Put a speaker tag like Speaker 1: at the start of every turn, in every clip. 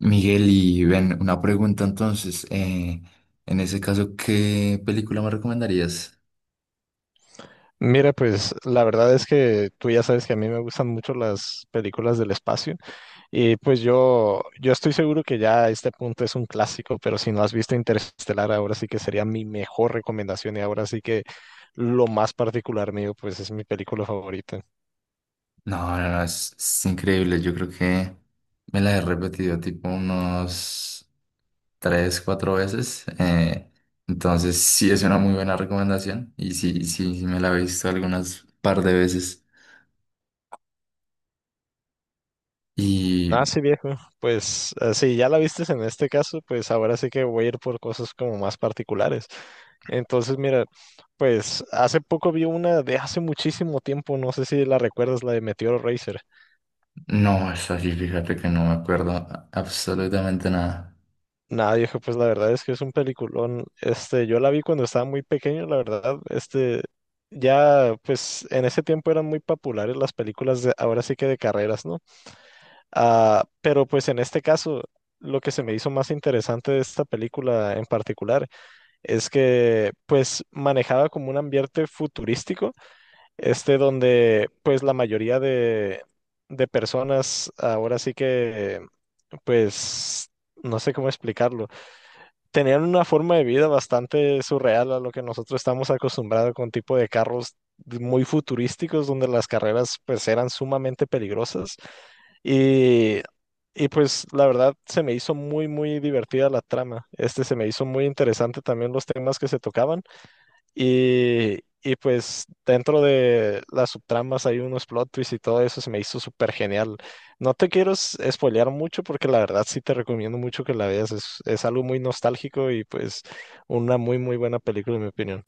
Speaker 1: Miguel, y ven, una pregunta entonces. En ese caso, ¿qué película me recomendarías?
Speaker 2: Mira, pues la verdad es que tú ya sabes que a mí me gustan mucho las películas del espacio y pues yo estoy seguro que ya a este punto es un clásico, pero si no has visto Interestelar, ahora sí que sería mi mejor recomendación y ahora sí que lo más particular mío, pues es mi película favorita.
Speaker 1: No, no, no, es increíble. Yo creo que me la he repetido tipo unos tres, cuatro veces. Entonces, sí es una muy buena recomendación. Y sí, sí, sí, me la he visto algunas par de veces. Y
Speaker 2: Ah, sí, viejo. Pues si ya la vistes en este caso, pues ahora sí que voy a ir por cosas como más particulares. Entonces, mira, pues hace poco vi una de hace muchísimo tiempo, no sé si la recuerdas, la de Meteor Racer.
Speaker 1: no, es así, fíjate que no me acuerdo absolutamente nada.
Speaker 2: Nada, viejo, pues la verdad es que es un peliculón. Este, yo la vi cuando estaba muy pequeño, la verdad. Este, ya, pues en ese tiempo eran muy populares las películas de, ahora sí que de carreras, ¿no? Ah, pero pues en este caso, lo que se me hizo más interesante de esta película en particular es que, pues, manejaba como un ambiente futurístico, este, donde, pues, la mayoría de personas ahora sí que, pues, no sé cómo explicarlo tenían una forma de vida bastante surreal a lo que nosotros estamos acostumbrados con tipo de muy futurísticos donde las carreras pues eran sumamente peligrosas y, y pues la verdad se me hizo muy divertida la trama. Este se me hizo muy interesante también los temas que se tocaban y pues dentro de las subtramas hay unos plot twists y todo eso se me hizo súper genial. No te quiero spoilear mucho porque la verdad sí te recomiendo mucho que la veas. Es algo muy nostálgico y pues una muy buena película en mi opinión.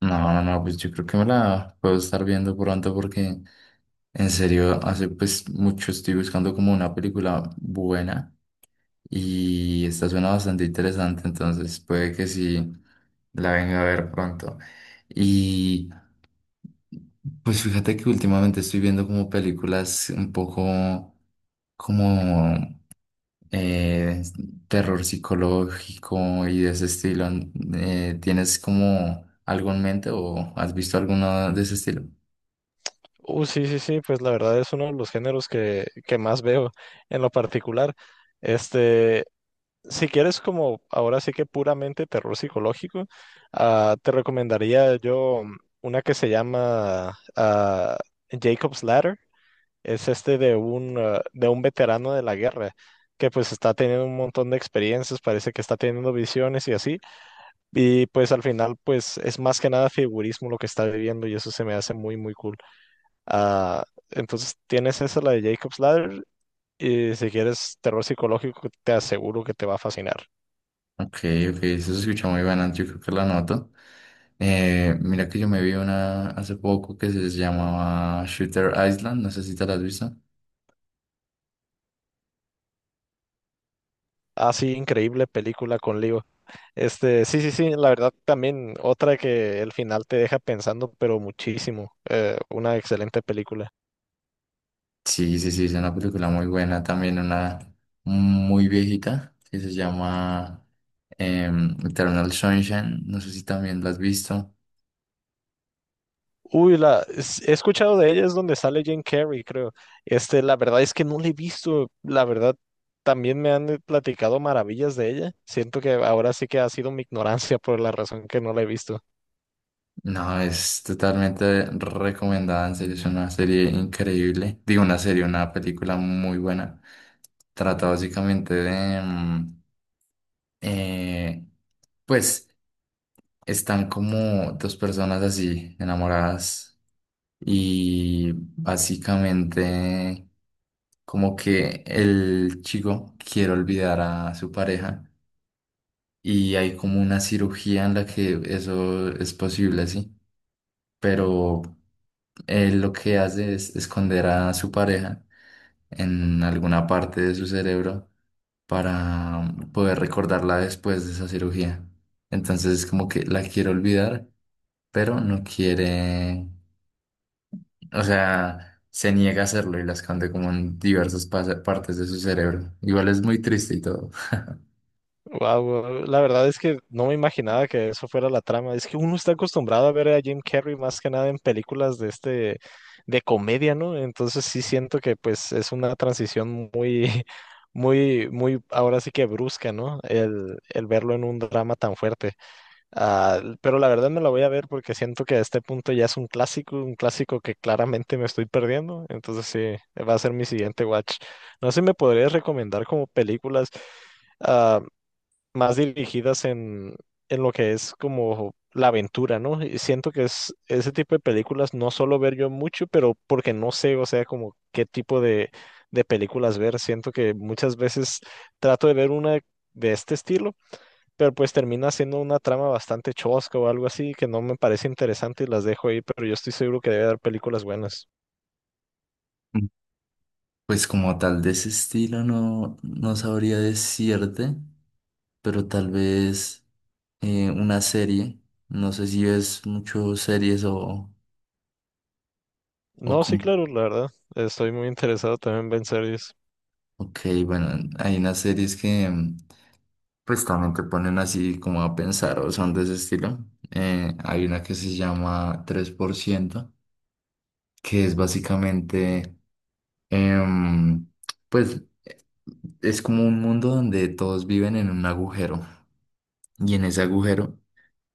Speaker 1: No, no, no, pues yo creo que me la puedo estar viendo pronto porque. En serio, hace pues mucho estoy buscando como una película buena y esta suena bastante interesante, entonces puede que sí la venga a ver pronto. Y pues fíjate que últimamente estoy viendo como películas un poco como eh, terror psicológico y de ese estilo. ¿Tienes como algo en mente o has visto alguna de ese estilo?
Speaker 2: Sí, sí, sí, pues la verdad es uno de los géneros que más veo en lo particular. Este, si quieres como ahora sí que puramente terror psicológico, te recomendaría yo una que se llama Jacob's Ladder. Es este de de un veterano de la guerra que pues está teniendo un montón de experiencias, parece que está teniendo visiones y así. Y pues al final pues es más que nada figurismo lo que está viviendo y eso se me hace muy cool. Ah, entonces tienes esa, la de Jacob's Ladder y si quieres terror psicológico te aseguro que te va a fascinar.
Speaker 1: Ok, ok, eso se escucha muy bueno, yo creo que la noto. Mira que yo me vi una hace poco que se llamaba Shooter Island, no sé si te la has visto.
Speaker 2: Ah, sí, increíble película con Leo. Este, sí, sí, sí, la verdad también otra que el final te deja pensando, pero muchísimo. Una excelente película.
Speaker 1: Sí, sí, sí, es una película muy buena, también una muy viejita que se llama Eternal Sunshine, no sé si también la has visto.
Speaker 2: Uy, he escuchado de ella, es donde sale Jim Carrey, creo. Este, la verdad es que no la he visto. La verdad, también me han platicado maravillas de ella. Siento que ahora sí que ha sido mi ignorancia por la razón que no la he visto.
Speaker 1: No, es totalmente recomendada, en serio, es una serie increíble. Digo, una serie, una película muy buena. Trata básicamente de, eh, pues están como dos personas así enamoradas y básicamente como que el chico quiere olvidar a su pareja y hay como una cirugía en la que eso es posible, sí, pero él lo que hace es esconder a su pareja en alguna parte de su cerebro para poder recordarla después de esa cirugía. Entonces es como que la quiere olvidar, pero no quiere, o sea, se niega a hacerlo y la esconde como en diversas partes de su cerebro. Igual es muy triste y todo.
Speaker 2: Wow, la verdad es que no me imaginaba que eso fuera la trama. Es que uno está acostumbrado a ver a Jim Carrey más que nada en películas de este de comedia, ¿no? Entonces sí siento que pues es una transición muy, muy, muy, ahora sí que brusca, ¿no? El verlo en un drama tan fuerte. Ah, pero la verdad me la voy a ver porque siento que a este punto ya es un clásico que claramente me estoy perdiendo. Entonces sí, va a ser mi siguiente watch. No sé si me podrías recomendar como películas. ah, Más dirigidas en lo que es como la aventura, ¿no? Y siento que es ese tipo de películas no suelo ver yo mucho, pero porque no sé, o sea, como qué tipo de películas ver. Siento que muchas veces trato de ver una de este estilo, pero pues termina siendo una trama bastante chosca o algo así que no me parece interesante y las dejo ahí, pero yo estoy seguro que debe haber películas buenas.
Speaker 1: Mm. Pues como tal de ese estilo no, no sabría decirte, pero tal vez una serie. No sé si ves mucho series o, o,
Speaker 2: No, sí,
Speaker 1: com-
Speaker 2: claro, la verdad. Estoy muy interesado también en ver series.
Speaker 1: Ok, bueno, hay unas series que pues también te ponen así como a pensar o son de ese estilo. Hay una que se llama Tres por ciento, que es básicamente, em, pues es como un mundo donde todos viven en un agujero y en ese agujero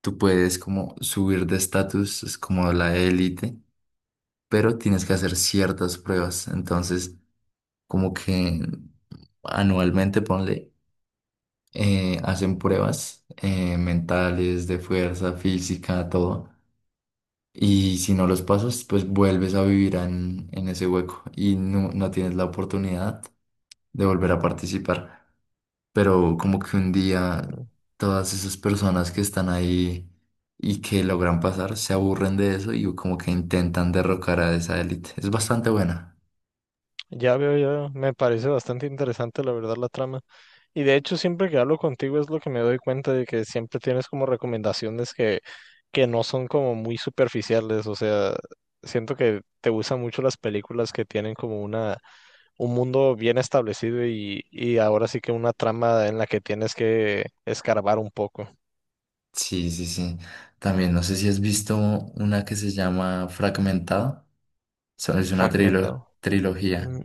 Speaker 1: tú puedes como subir de estatus, es como la élite, pero tienes que hacer ciertas pruebas. Entonces, como que anualmente ponle hacen pruebas mentales, de fuerza, física, todo. Y si no los pasas, pues vuelves a vivir en ese hueco y no, no tienes la oportunidad de volver a participar. Pero como que un día todas esas personas que están ahí y que logran pasar se aburren de eso y como que intentan derrocar a esa élite. Es bastante buena.
Speaker 2: Ya veo, ya veo. Me parece bastante interesante, la verdad, la trama. Y de hecho, siempre que hablo contigo es lo que me doy cuenta de que siempre tienes como recomendaciones que no son como muy superficiales. O sea, siento que te gustan mucho las películas que tienen como una, un mundo bien establecido y ahora sí que una trama en la que tienes que escarbar un poco.
Speaker 1: Sí, sí, sí. También no sé si has visto una que se llama Fragmentado. Sea, es una
Speaker 2: Fragmentado.
Speaker 1: trilogía.
Speaker 2: Mm,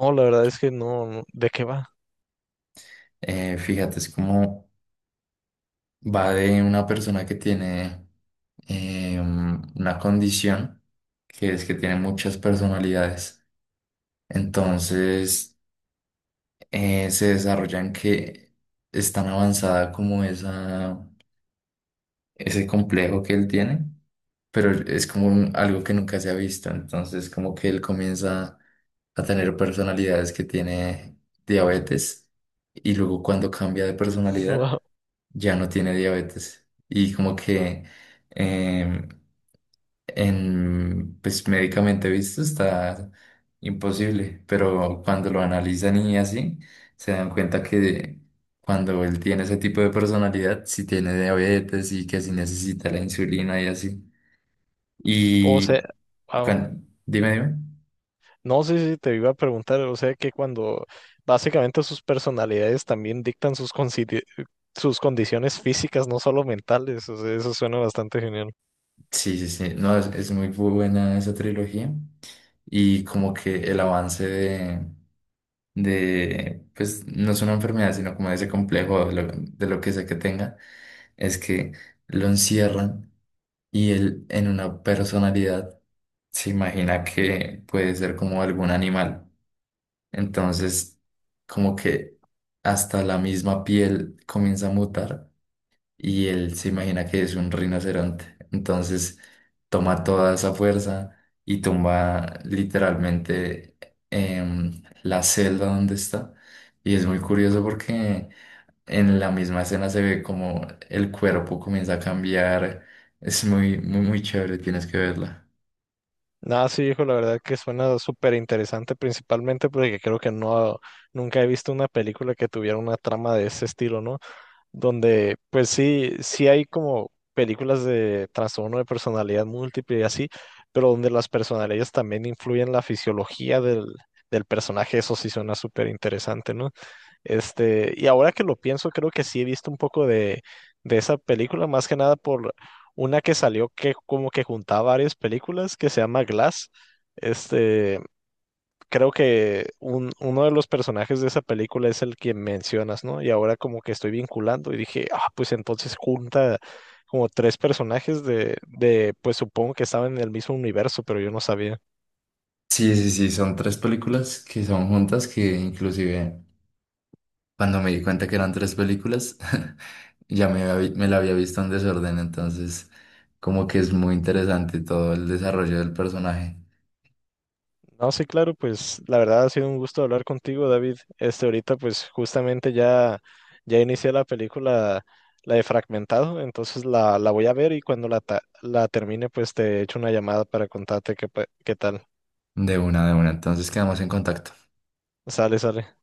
Speaker 2: No, la verdad es que ¿de qué va?
Speaker 1: Fíjate, es como va de una persona que tiene una condición que es que tiene muchas personalidades. Entonces, se desarrollan que es tan avanzada como esa, ese complejo que él tiene, pero es como algo que nunca se ha visto, entonces como que él comienza a tener personalidades que tiene diabetes y luego cuando cambia de personalidad
Speaker 2: Wow.
Speaker 1: ya no tiene diabetes y como que em, pues médicamente visto está imposible, pero cuando lo analizan y así se dan cuenta que cuando él tiene ese tipo de personalidad, si tiene diabetes y que si necesita la insulina y así.
Speaker 2: O sea,
Speaker 1: Y
Speaker 2: wow.
Speaker 1: dime, dime.
Speaker 2: No, sé si te iba a preguntar, o sea que cuando básicamente sus personalidades también dictan sus condiciones físicas, no solo mentales, o sea, eso suena bastante genial.
Speaker 1: Sí, sí, sí. No, es muy buena esa trilogía. Y como que el avance de, pues no es una enfermedad, sino como ese complejo de lo que sea que tenga, es que lo encierran y él en una personalidad se imagina que puede ser como algún animal. Entonces, como que hasta la misma piel comienza a mutar y él se imagina que es un rinoceronte. Entonces toma toda esa fuerza y tumba literalmente la celda donde está. Y es muy curioso porque en la misma escena se ve como el cuerpo comienza a cambiar. Es muy, muy, muy chévere, tienes que verla.
Speaker 2: Nada, sí, hijo, la verdad que suena súper interesante, principalmente porque creo que no, nunca he visto una película que tuviera una trama de ese estilo, ¿no? Donde pues sí, sí hay como películas de trastorno de personalidad múltiple y así, pero donde las personalidades también influyen en la fisiología del, del personaje, eso sí suena súper interesante, ¿no? Este, y ahora que lo pienso, creo que sí he visto un poco de esa película, más que nada por una que salió que como que juntaba varias películas, que se llama Glass. Este, creo que uno de los personajes de esa película es el que mencionas, ¿no? Y ahora como que estoy vinculando y dije, ah, pues entonces junta como tres personajes de, pues supongo que estaban en el mismo universo, pero yo no sabía.
Speaker 1: Sí, sí, sí, son tres películas que son juntas que inclusive cuando me di cuenta que eran tres películas, me la había visto en desorden, entonces como que es muy interesante todo el desarrollo del personaje.
Speaker 2: No, sí, claro, pues la verdad ha sido un gusto hablar contigo, David. Este, ahorita pues justamente ya, ya inicié la película, la de Fragmentado, entonces la voy a ver y cuando la termine pues te echo una llamada para contarte qué tal.
Speaker 1: De una, entonces quedamos en contacto.
Speaker 2: Sale, sale.